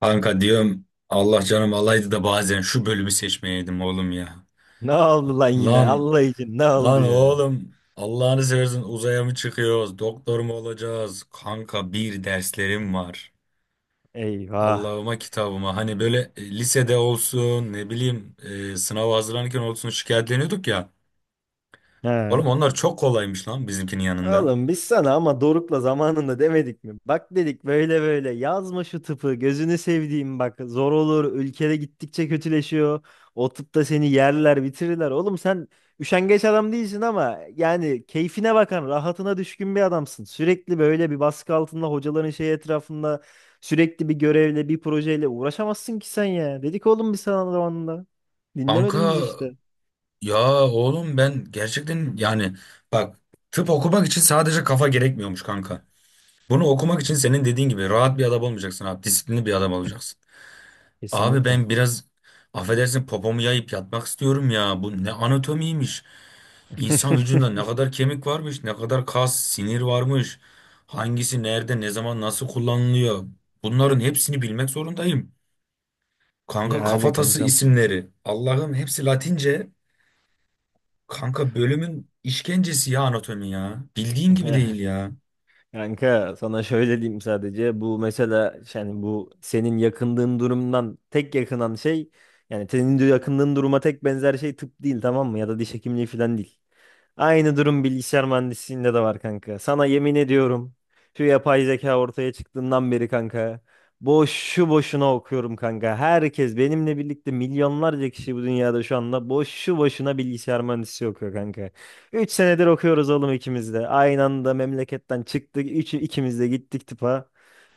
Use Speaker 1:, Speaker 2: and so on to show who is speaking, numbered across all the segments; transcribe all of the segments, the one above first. Speaker 1: Kanka diyorum Allah canım alaydı da bazen şu bölümü seçmeyeydim oğlum ya.
Speaker 2: Ne oldu lan yine?
Speaker 1: Lan
Speaker 2: Allah için ne oldu
Speaker 1: lan
Speaker 2: ya?
Speaker 1: oğlum Allah'ını seversen uzaya mı çıkıyoruz? Doktor mu olacağız? Kanka bir derslerim var.
Speaker 2: Eyvah.
Speaker 1: Allah'ıma kitabıma hani böyle lisede olsun ne bileyim sınava hazırlanırken olsun şikayetleniyorduk ya.
Speaker 2: He.
Speaker 1: Oğlum onlar çok kolaymış lan bizimkinin yanında.
Speaker 2: Oğlum biz sana ama Doruk'la zamanında demedik mi? Bak dedik böyle böyle yazma şu tıpı gözünü sevdiğim bak zor olur ülkede gittikçe kötüleşiyor. O tıpta seni yerler bitirirler. Oğlum sen üşengeç adam değilsin ama yani keyfine bakan rahatına düşkün bir adamsın. Sürekli böyle bir baskı altında hocaların şey etrafında sürekli bir görevle bir projeyle uğraşamazsın ki sen ya. Dedik oğlum biz sana zamanında.
Speaker 1: Kanka
Speaker 2: Dinlemedin biz işte.
Speaker 1: ya oğlum ben gerçekten yani bak tıp okumak için sadece kafa gerekmiyormuş kanka. Bunu okumak için senin dediğin gibi rahat bir adam olmayacaksın abi. Disiplinli bir adam olacaksın. Abi
Speaker 2: Kesinlikle.
Speaker 1: ben biraz affedersin popomu yayıp yatmak istiyorum ya. Bu ne anatomiymiş. İnsan vücudunda ne kadar kemik varmış, ne kadar kas, sinir varmış. Hangisi nerede, ne zaman, nasıl kullanılıyor. Bunların hepsini bilmek zorundayım. Kanka
Speaker 2: Yani
Speaker 1: kafatası
Speaker 2: kankam.
Speaker 1: isimleri. Allah'ım hepsi Latince. Kanka bölümün işkencesi ya anatomi ya. Bildiğin gibi değil ya.
Speaker 2: Kanka sana şöyle diyeyim sadece bu mesela yani bu senin yakındığın durumdan tek yakınan şey yani senin de yakındığın duruma tek benzer şey tıp değil tamam mı, ya da diş hekimliği falan değil. Aynı durum bilgisayar mühendisliğinde de var kanka. Sana yemin ediyorum. Şu yapay zeka ortaya çıktığından beri kanka. Boşu boşuna okuyorum kanka. Herkes benimle birlikte milyonlarca kişi bu dünyada şu anda boşu boşuna bilgisayar mühendisliği okuyor kanka. 3 senedir okuyoruz oğlum ikimiz de. Aynı anda memleketten çıktık. İkimiz de gittik tıpa.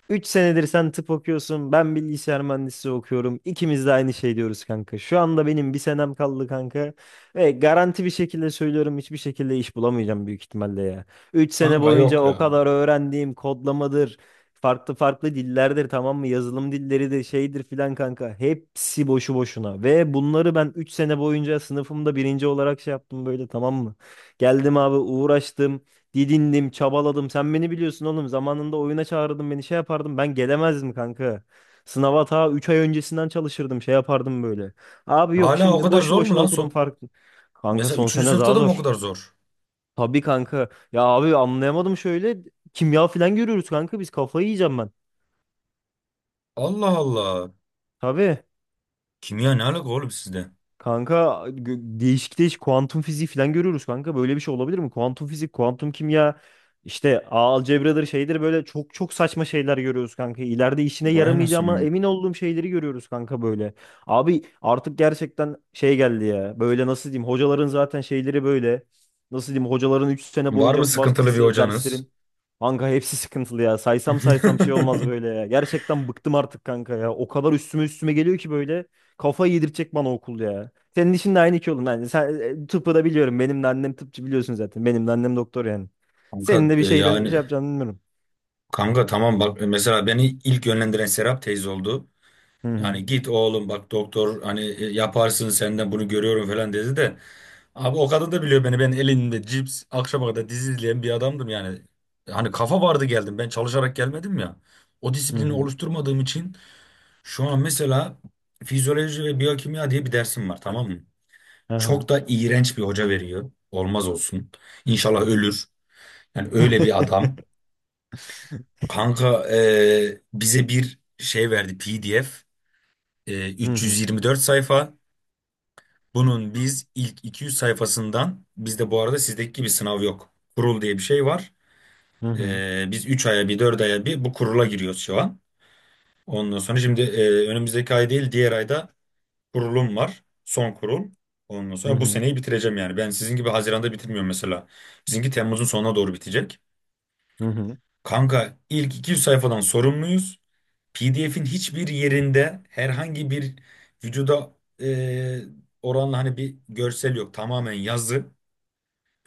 Speaker 2: 3 senedir sen tıp okuyorsun. Ben bilgisayar mühendisliği okuyorum. İkimiz de aynı şey diyoruz kanka. Şu anda benim bir senem kaldı kanka. Ve garanti bir şekilde söylüyorum hiçbir şekilde iş bulamayacağım büyük ihtimalle ya. 3 sene
Speaker 1: Kanka
Speaker 2: boyunca
Speaker 1: yok
Speaker 2: o
Speaker 1: ya.
Speaker 2: kadar öğrendiğim kodlamadır. Farklı farklı dillerdir tamam mı? Yazılım dilleridir şeydir filan kanka. Hepsi boşu boşuna. Ve bunları ben 3 sene boyunca sınıfımda birinci olarak şey yaptım böyle tamam mı? Geldim abi uğraştım. Didindim, çabaladım. Sen beni biliyorsun oğlum. Zamanında oyuna çağırdın beni şey yapardım. Ben gelemezdim kanka. Sınava ta 3 ay öncesinden çalışırdım. Şey yapardım böyle. Abi yok
Speaker 1: Hala o
Speaker 2: şimdi
Speaker 1: kadar
Speaker 2: boşu
Speaker 1: zor mu
Speaker 2: boşuna
Speaker 1: lan?
Speaker 2: okudum farklı. Kanka
Speaker 1: Mesela
Speaker 2: son
Speaker 1: üçüncü
Speaker 2: sene
Speaker 1: sınıfta
Speaker 2: daha
Speaker 1: da mı o
Speaker 2: zor.
Speaker 1: kadar zor?
Speaker 2: Tabii kanka. Ya abi anlayamadım şöyle. Kimya falan görüyoruz kanka. Biz kafayı yiyeceğim ben.
Speaker 1: Allah Allah.
Speaker 2: Tabii.
Speaker 1: Kimya ne alaka oğlum sizde?
Speaker 2: Kanka değişik değişik kuantum fiziği falan görüyoruz kanka. Böyle bir şey olabilir mi? Kuantum fizik, kuantum kimya, işte ağ algebradır şeydir böyle çok çok saçma şeyler görüyoruz kanka. İleride işine
Speaker 1: Vay
Speaker 2: yaramayacağıma
Speaker 1: anasını.
Speaker 2: emin olduğum şeyleri görüyoruz kanka böyle. Abi artık gerçekten şey geldi ya. Böyle nasıl diyeyim? Hocaların zaten şeyleri böyle. Nasıl diyeyim? Hocaların 3 sene
Speaker 1: Var mı
Speaker 2: boyunca
Speaker 1: sıkıntılı bir
Speaker 2: baskısı,
Speaker 1: hocanız?
Speaker 2: derslerin. Kanka hepsi sıkıntılı ya. Saysam saysam şey olmaz böyle ya. Gerçekten bıktım artık kanka ya. O kadar üstüme üstüme geliyor ki böyle. Kafayı yedirecek bana okul ya. Senin işin de aynı iki oğlum. Yani sen tıpı da biliyorum. Benim de annem tıpçı biliyorsun zaten. Benim de annem doktor yani.
Speaker 1: Kanka
Speaker 2: Senin de bir şeyden şey
Speaker 1: yani
Speaker 2: yapacağını bilmiyorum.
Speaker 1: kanka tamam bak mesela beni ilk yönlendiren Serap teyze oldu.
Speaker 2: Hı hı.
Speaker 1: Yani git oğlum bak doktor hani yaparsın senden bunu görüyorum falan dedi de. Abi o kadın da biliyor beni, ben elinde cips akşama kadar dizi izleyen bir adamdım yani. Hani kafa vardı geldim, ben çalışarak gelmedim ya. O
Speaker 2: Hı
Speaker 1: disiplini
Speaker 2: hı.
Speaker 1: oluşturmadığım için şu an mesela fizyoloji ve biyokimya diye bir dersim var tamam mı?
Speaker 2: Aha.
Speaker 1: Çok da iğrenç bir hoca veriyor. Olmaz olsun. İnşallah ölür. Yani öyle bir adam. Kanka bize bir şey verdi PDF.
Speaker 2: Hı hı.
Speaker 1: 324 sayfa. Bunun biz ilk 200 sayfasından, bizde bu arada sizdeki gibi sınav yok. Kurul diye bir şey var.
Speaker 2: Hı hı.
Speaker 1: Biz 3 aya bir 4 aya bir bu kurula giriyoruz şu an. Ondan sonra şimdi önümüzdeki ay değil diğer ayda kurulum var. Son kurul. Ondan
Speaker 2: Hı
Speaker 1: sonra bu
Speaker 2: hı.
Speaker 1: seneyi bitireceğim yani. Ben sizin gibi Haziran'da bitirmiyorum mesela. Bizimki Temmuz'un sonuna doğru bitecek.
Speaker 2: Hı hı.
Speaker 1: Kanka ilk 200 sayfadan sorumluyuz. PDF'in hiçbir yerinde herhangi bir vücuda e, oranla hani bir görsel yok. Tamamen yazı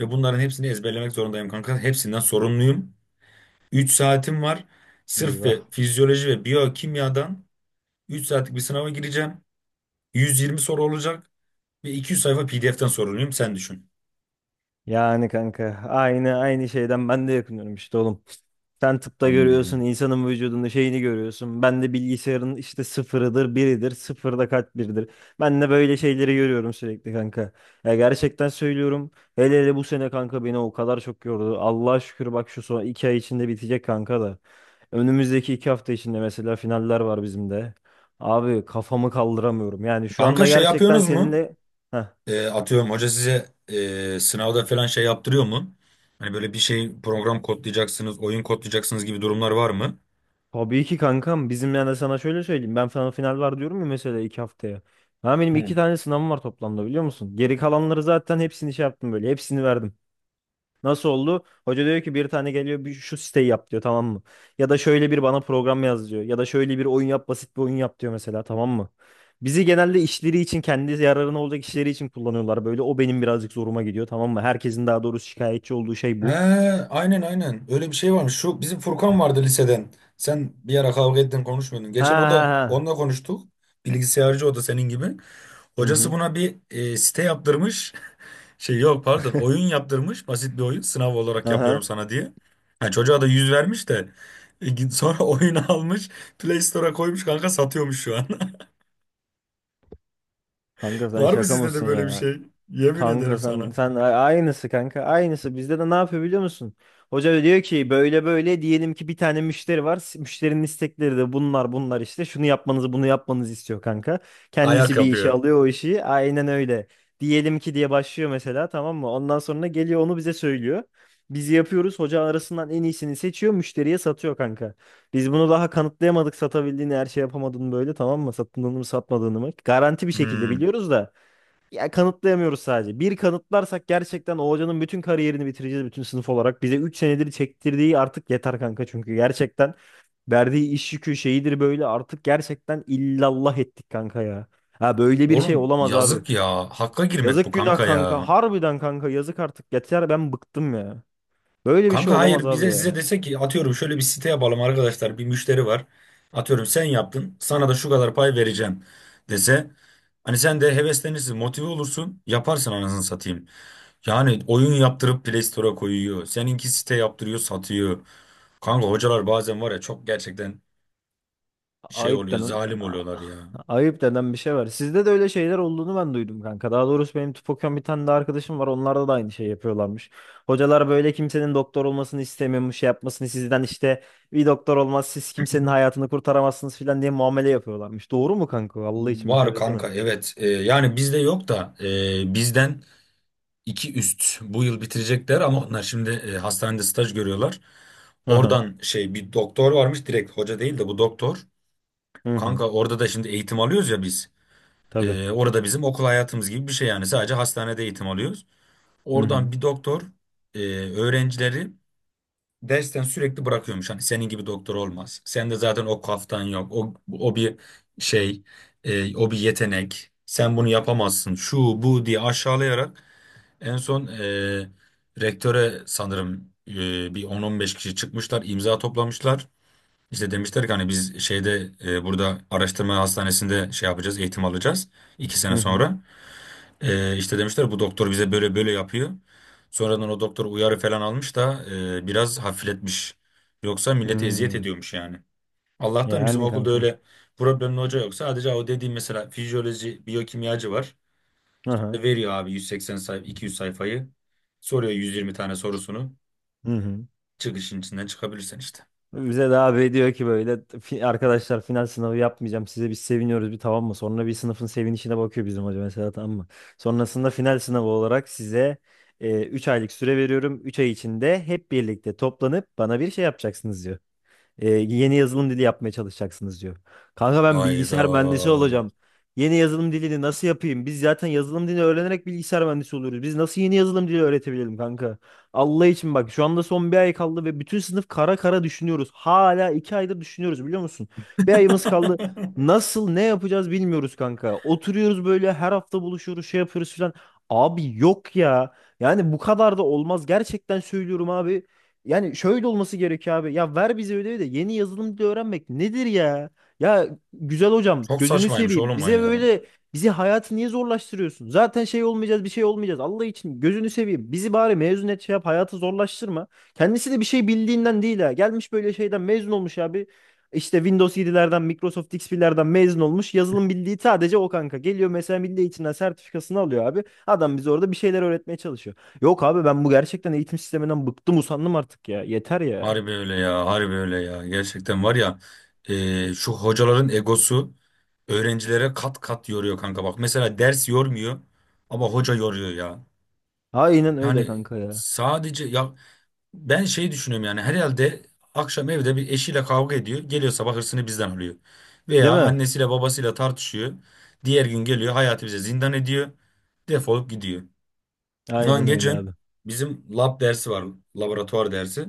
Speaker 1: ve bunların hepsini ezberlemek zorundayım kanka. Hepsinden sorumluyum. 3 saatim var. Sırf ve
Speaker 2: Eyvah.
Speaker 1: fizyoloji ve biyokimyadan 3 saatlik bir sınava gireceğim. 120 soru olacak. Bir 200 sayfa PDF'ten soruluyum sen düşün.
Speaker 2: Yani kanka aynı aynı şeyden ben de yakınıyorum işte oğlum. Sen tıpta görüyorsun
Speaker 1: Anladım.
Speaker 2: insanın vücudunda şeyini görüyorsun. Ben de bilgisayarın işte sıfırıdır biridir sıfırda kaç biridir. Ben de böyle şeyleri görüyorum sürekli kanka. Ya gerçekten söylüyorum. Hele hele bu sene kanka beni o kadar çok yordu. Allah'a şükür bak şu son 2 ay içinde bitecek kanka da. Önümüzdeki 2 hafta içinde mesela finaller var bizim de. Abi kafamı kaldıramıyorum. Yani şu
Speaker 1: Kanka
Speaker 2: anda
Speaker 1: şey
Speaker 2: gerçekten
Speaker 1: yapıyorsunuz mu?
Speaker 2: seninle... Heh.
Speaker 1: Atıyorum hoca size sınavda falan şey yaptırıyor mu? Hani böyle bir şey, program kodlayacaksınız, oyun kodlayacaksınız gibi durumlar var mı?
Speaker 2: Tabii ki kankam. Bizim yani sana şöyle söyleyeyim. Ben sana final var diyorum ya mesela 2 haftaya. Ha benim
Speaker 1: Hı.
Speaker 2: 2 tane sınavım var toplamda biliyor musun? Geri kalanları zaten hepsini şey yaptım böyle. Hepsini verdim. Nasıl oldu? Hoca diyor ki bir tane geliyor bir şu siteyi yap diyor tamam mı? Ya da şöyle bir bana program yaz diyor. Ya da şöyle bir oyun yap basit bir oyun yap diyor mesela tamam mı? Bizi genelde işleri için kendi yararına olacak işleri için kullanıyorlar böyle. O benim birazcık zoruma gidiyor tamam mı? Herkesin daha doğrusu şikayetçi olduğu şey
Speaker 1: He,
Speaker 2: bu.
Speaker 1: aynen aynen. Öyle bir şey varmış. Şu bizim Furkan vardı liseden. Sen bir ara kavga ettin konuşmuyordun.
Speaker 2: Ha
Speaker 1: Geçen o
Speaker 2: ha
Speaker 1: da
Speaker 2: ha.
Speaker 1: onunla konuştuk. Bilgisayarcı o da senin gibi.
Speaker 2: Hı
Speaker 1: Hocası
Speaker 2: hı.
Speaker 1: buna bir site yaptırmış. Şey yok pardon, oyun yaptırmış. Basit bir oyun. Sınav olarak yapıyorum
Speaker 2: Aha.
Speaker 1: sana diye. Ha, çocuğa da yüz vermiş de. Sonra oyunu almış. Play Store'a koymuş kanka, satıyormuş şu an.
Speaker 2: Kanka sen
Speaker 1: Var mı
Speaker 2: şaka
Speaker 1: sizde de
Speaker 2: mısın
Speaker 1: böyle bir
Speaker 2: ya?
Speaker 1: şey? Yemin ederim
Speaker 2: Kanka sen
Speaker 1: sana.
Speaker 2: sen a- aynısı kanka aynısı bizde de ne yapıyor biliyor musun? Hoca diyor ki böyle böyle diyelim ki bir tane müşteri var. Müşterinin istekleri de bunlar bunlar işte. Şunu yapmanızı bunu yapmanızı istiyor kanka.
Speaker 1: Ayak
Speaker 2: Kendisi bir işe
Speaker 1: yapıyor.
Speaker 2: alıyor o işi. Aynen öyle. Diyelim ki diye başlıyor mesela tamam mı? Ondan sonra geliyor onu bize söylüyor. Biz yapıyoruz. Hoca arasından en iyisini seçiyor. Müşteriye satıyor kanka. Biz bunu daha kanıtlayamadık satabildiğini her şey yapamadığını böyle tamam mı? Sattığını mı satmadığını mı? Garanti bir şekilde
Speaker 1: Hmm.
Speaker 2: biliyoruz da. Ya kanıtlayamıyoruz sadece. Bir kanıtlarsak gerçekten o hocanın bütün kariyerini bitireceğiz bütün sınıf olarak. Bize 3 senedir çektirdiği artık yeter kanka çünkü gerçekten verdiği iş yükü şeyidir böyle artık gerçekten illallah ettik kanka ya. Ha böyle bir şey
Speaker 1: Oğlum
Speaker 2: olamaz abi.
Speaker 1: yazık ya. Hakka girmek bu
Speaker 2: Yazık günah
Speaker 1: kanka
Speaker 2: kanka.
Speaker 1: ya.
Speaker 2: Harbiden kanka yazık artık yeter ben bıktım ya. Böyle bir şey
Speaker 1: Kanka
Speaker 2: olamaz
Speaker 1: hayır,
Speaker 2: abi
Speaker 1: bize size
Speaker 2: ya.
Speaker 1: dese ki atıyorum şöyle bir site yapalım arkadaşlar, bir müşteri var. Atıyorum sen yaptın, sana da şu kadar pay vereceğim dese. Hani sen de heveslenirsin, motive olursun, yaparsın anasını satayım. Yani oyun yaptırıp Play Store'a koyuyor. Seninki site yaptırıyor, satıyor. Kanka hocalar bazen var ya, çok gerçekten şey
Speaker 2: Ayıp
Speaker 1: oluyor,
Speaker 2: denen
Speaker 1: zalim oluyorlar ya.
Speaker 2: ayıp denen bir şey var. Sizde de öyle şeyler olduğunu ben duydum kanka. Daha doğrusu benim tıp okuyan bir tane de arkadaşım var. Onlarda da aynı şey yapıyorlarmış. Hocalar böyle kimsenin doktor olmasını istemiyormuş, şey yapmasını sizden işte bir doktor olmaz, siz kimsenin hayatını kurtaramazsınız filan diye muamele yapıyorlarmış. Doğru mu kanka? Allah için bir
Speaker 1: Var
Speaker 2: söylesene.
Speaker 1: kanka, evet. Yani bizde yok da bizden iki üst bu yıl bitirecekler ama onlar şimdi hastanede staj görüyorlar.
Speaker 2: Hı hı.
Speaker 1: Oradan şey, bir doktor varmış, direkt hoca değil de bu doktor.
Speaker 2: Hı hı.
Speaker 1: Kanka orada da şimdi eğitim alıyoruz ya biz.
Speaker 2: Tabii.
Speaker 1: Orada bizim okul hayatımız gibi bir şey yani, sadece hastanede eğitim alıyoruz.
Speaker 2: Hı
Speaker 1: Oradan
Speaker 2: hı.
Speaker 1: bir doktor e, öğrencileri dersten sürekli bırakıyormuş. Hani senin gibi doktor olmaz. Sen de zaten o kaftan yok. O bir şey, o bir yetenek. Sen bunu yapamazsın. Şu bu diye aşağılayarak en son rektöre sanırım bir on on beş kişi çıkmışlar, imza toplamışlar. İşte demişler ki hani biz şeyde burada araştırma hastanesinde şey yapacağız, eğitim alacağız iki sene
Speaker 2: Hı hı.
Speaker 1: sonra. İşte demişler bu doktor bize böyle böyle yapıyor. Sonradan o doktor uyarı falan almış da biraz hafifletmiş. Yoksa
Speaker 2: Hı
Speaker 1: millete eziyet
Speaker 2: hı.
Speaker 1: ediyormuş yani. Allah'tan bizim
Speaker 2: Yani
Speaker 1: okulda
Speaker 2: kankam.
Speaker 1: öyle problemli hoca yok. Sadece o dediğim mesela fizyoloji, biyokimyacı var.
Speaker 2: Hı
Speaker 1: İşte o
Speaker 2: hı.
Speaker 1: da veriyor abi 180 sayfa 200 sayfayı. Soruyor 120 tane sorusunu.
Speaker 2: Hı hı.
Speaker 1: Çıkışın içinden çıkabilirsen işte.
Speaker 2: Bize de abi diyor ki böyle, arkadaşlar final sınavı yapmayacağım size biz seviniyoruz bir tamam mı? Sonra bir sınıfın sevinişine bakıyor bizim hoca mesela tamam mı? Sonrasında final sınavı olarak size 3 aylık süre veriyorum. 3 ay içinde hep birlikte toplanıp bana bir şey yapacaksınız diyor. Yeni yazılım dili yapmaya çalışacaksınız diyor. Kanka ben
Speaker 1: Ayda.
Speaker 2: bilgisayar mühendisi olacağım. Yeni yazılım dilini nasıl yapayım? Biz zaten yazılım dilini öğrenerek bilgisayar mühendisi oluyoruz. Biz nasıl yeni yazılım dili öğretebilelim kanka? Allah için bak şu anda son bir ay kaldı ve bütün sınıf kara kara düşünüyoruz. Hala 2 aydır düşünüyoruz biliyor musun? Bir ayımız kaldı. Nasıl ne yapacağız bilmiyoruz kanka. Oturuyoruz böyle her hafta buluşuyoruz şey yapıyoruz filan. Abi yok ya. Yani bu kadar da olmaz. Gerçekten söylüyorum abi. Yani şöyle olması gerekiyor abi. Ya ver bize ödevi de yeni yazılım dili öğrenmek nedir ya? Ya güzel hocam
Speaker 1: Çok
Speaker 2: gözünü
Speaker 1: saçmaymış
Speaker 2: seveyim.
Speaker 1: oğlum o
Speaker 2: Bize
Speaker 1: ya.
Speaker 2: böyle bizi hayatı niye zorlaştırıyorsun? Zaten şey olmayacağız bir şey olmayacağız. Allah için gözünü seveyim. Bizi bari mezun et şey yap hayatı zorlaştırma. Kendisi de bir şey bildiğinden değil ha. Gelmiş böyle şeyden mezun olmuş abi. İşte Windows 7'lerden Microsoft XP'lerden mezun olmuş. Yazılım bildiği sadece o kanka. Geliyor mesela milli eğitimden sertifikasını alıyor abi. Adam bize orada bir şeyler öğretmeye çalışıyor. Yok abi ben bu gerçekten eğitim sisteminden bıktım usandım artık ya. Yeter ya.
Speaker 1: Harbi öyle ya, harbi öyle ya. Gerçekten var ya, şu hocaların egosu öğrencilere kat kat yoruyor kanka. Bak mesela ders yormuyor ama hoca yoruyor ya.
Speaker 2: Aynen öyle
Speaker 1: Yani
Speaker 2: kanka ya.
Speaker 1: sadece ya, ben şey düşünüyorum yani, herhalde akşam evde bir eşiyle kavga ediyor. Geliyor sabah hırsını bizden alıyor. Veya
Speaker 2: Değil mi?
Speaker 1: annesiyle babasıyla tartışıyor. Diğer gün geliyor hayatı bize zindan ediyor. Defolup gidiyor. Lan
Speaker 2: Aynen öyle
Speaker 1: geçen
Speaker 2: abi.
Speaker 1: bizim lab dersi var. Laboratuvar dersi.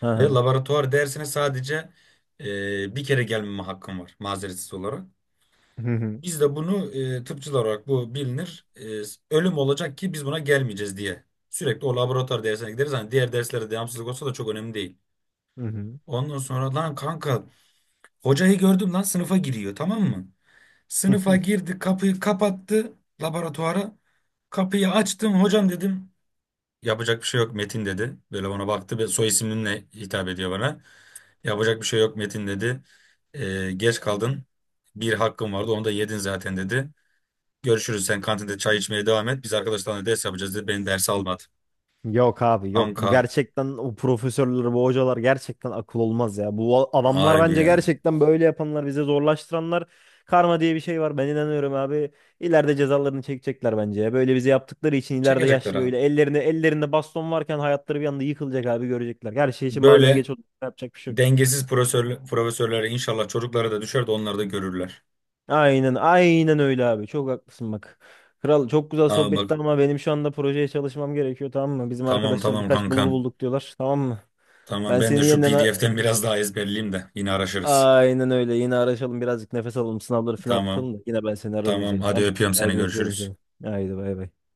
Speaker 2: Hı
Speaker 1: Ve
Speaker 2: hı.
Speaker 1: laboratuvar dersine sadece bir kere gelmeme hakkım var mazeretsiz olarak.
Speaker 2: Hı hı.
Speaker 1: Biz de bunu tıpçılar olarak bu bilinir. Ölüm olacak ki biz buna gelmeyeceğiz diye. Sürekli o laboratuvar dersine gideriz. Hani diğer derslere devamsızlık olsa da çok önemli değil.
Speaker 2: Hı hı.
Speaker 1: Ondan sonra lan kanka hocayı gördüm lan, sınıfa giriyor tamam mı? Sınıfa girdi, kapıyı kapattı laboratuvara. Kapıyı açtım, hocam dedim. Yapacak bir şey yok Metin dedi. Böyle bana baktı ve soy isminle hitap ediyor bana. Yapacak bir şey yok Metin dedi. "Geç kaldın. Bir hakkın vardı onu da yedin zaten" dedi. "Görüşürüz, sen kantinde çay içmeye devam et. Biz arkadaşlarla ders yapacağız" dedi. Beni derse almadı.
Speaker 2: Yok abi yok. Bu
Speaker 1: Anka
Speaker 2: gerçekten o profesörler, bu hocalar gerçekten akıl olmaz ya. Bu adamlar
Speaker 1: harbi
Speaker 2: bence
Speaker 1: ya.
Speaker 2: gerçekten böyle yapanlar, bize zorlaştıranlar. Karma diye bir şey var. Ben inanıyorum abi. İleride cezalarını çekecekler bence ya. Böyle bize yaptıkları için ileride
Speaker 1: Çekecekler
Speaker 2: yaşlı
Speaker 1: abi.
Speaker 2: böyle ellerinde baston varken hayatları bir anda yıkılacak abi görecekler. Her şey için bazen
Speaker 1: Böyle
Speaker 2: geç olup yapacak bir şey yok.
Speaker 1: dengesiz profesör, profesörlere inşallah çocuklara da düşer de onlar da görürler.
Speaker 2: Aynen, aynen öyle abi. Çok haklısın bak. Kral çok güzel
Speaker 1: Aa
Speaker 2: sohbetti
Speaker 1: bak,
Speaker 2: ama benim şu anda projeye çalışmam gerekiyor tamam mı? Bizim
Speaker 1: tamam
Speaker 2: arkadaşlar
Speaker 1: tamam
Speaker 2: birkaç bulgu
Speaker 1: kankam.
Speaker 2: bulduk diyorlar tamam mı?
Speaker 1: Tamam,
Speaker 2: Ben
Speaker 1: ben de
Speaker 2: seni
Speaker 1: şu
Speaker 2: yeniden a-
Speaker 1: PDF'ten biraz daha ezberleyeyim de yine araşırız.
Speaker 2: aynen öyle yine araşalım birazcık nefes alalım sınavları falan
Speaker 1: Tamam
Speaker 2: atlatalım da yine ben seni ararım
Speaker 1: tamam,
Speaker 2: güzelim
Speaker 1: hadi
Speaker 2: tamam.
Speaker 1: öpüyorum seni,
Speaker 2: Hadi öpüyorum
Speaker 1: görüşürüz.
Speaker 2: seni. Haydi bay bay.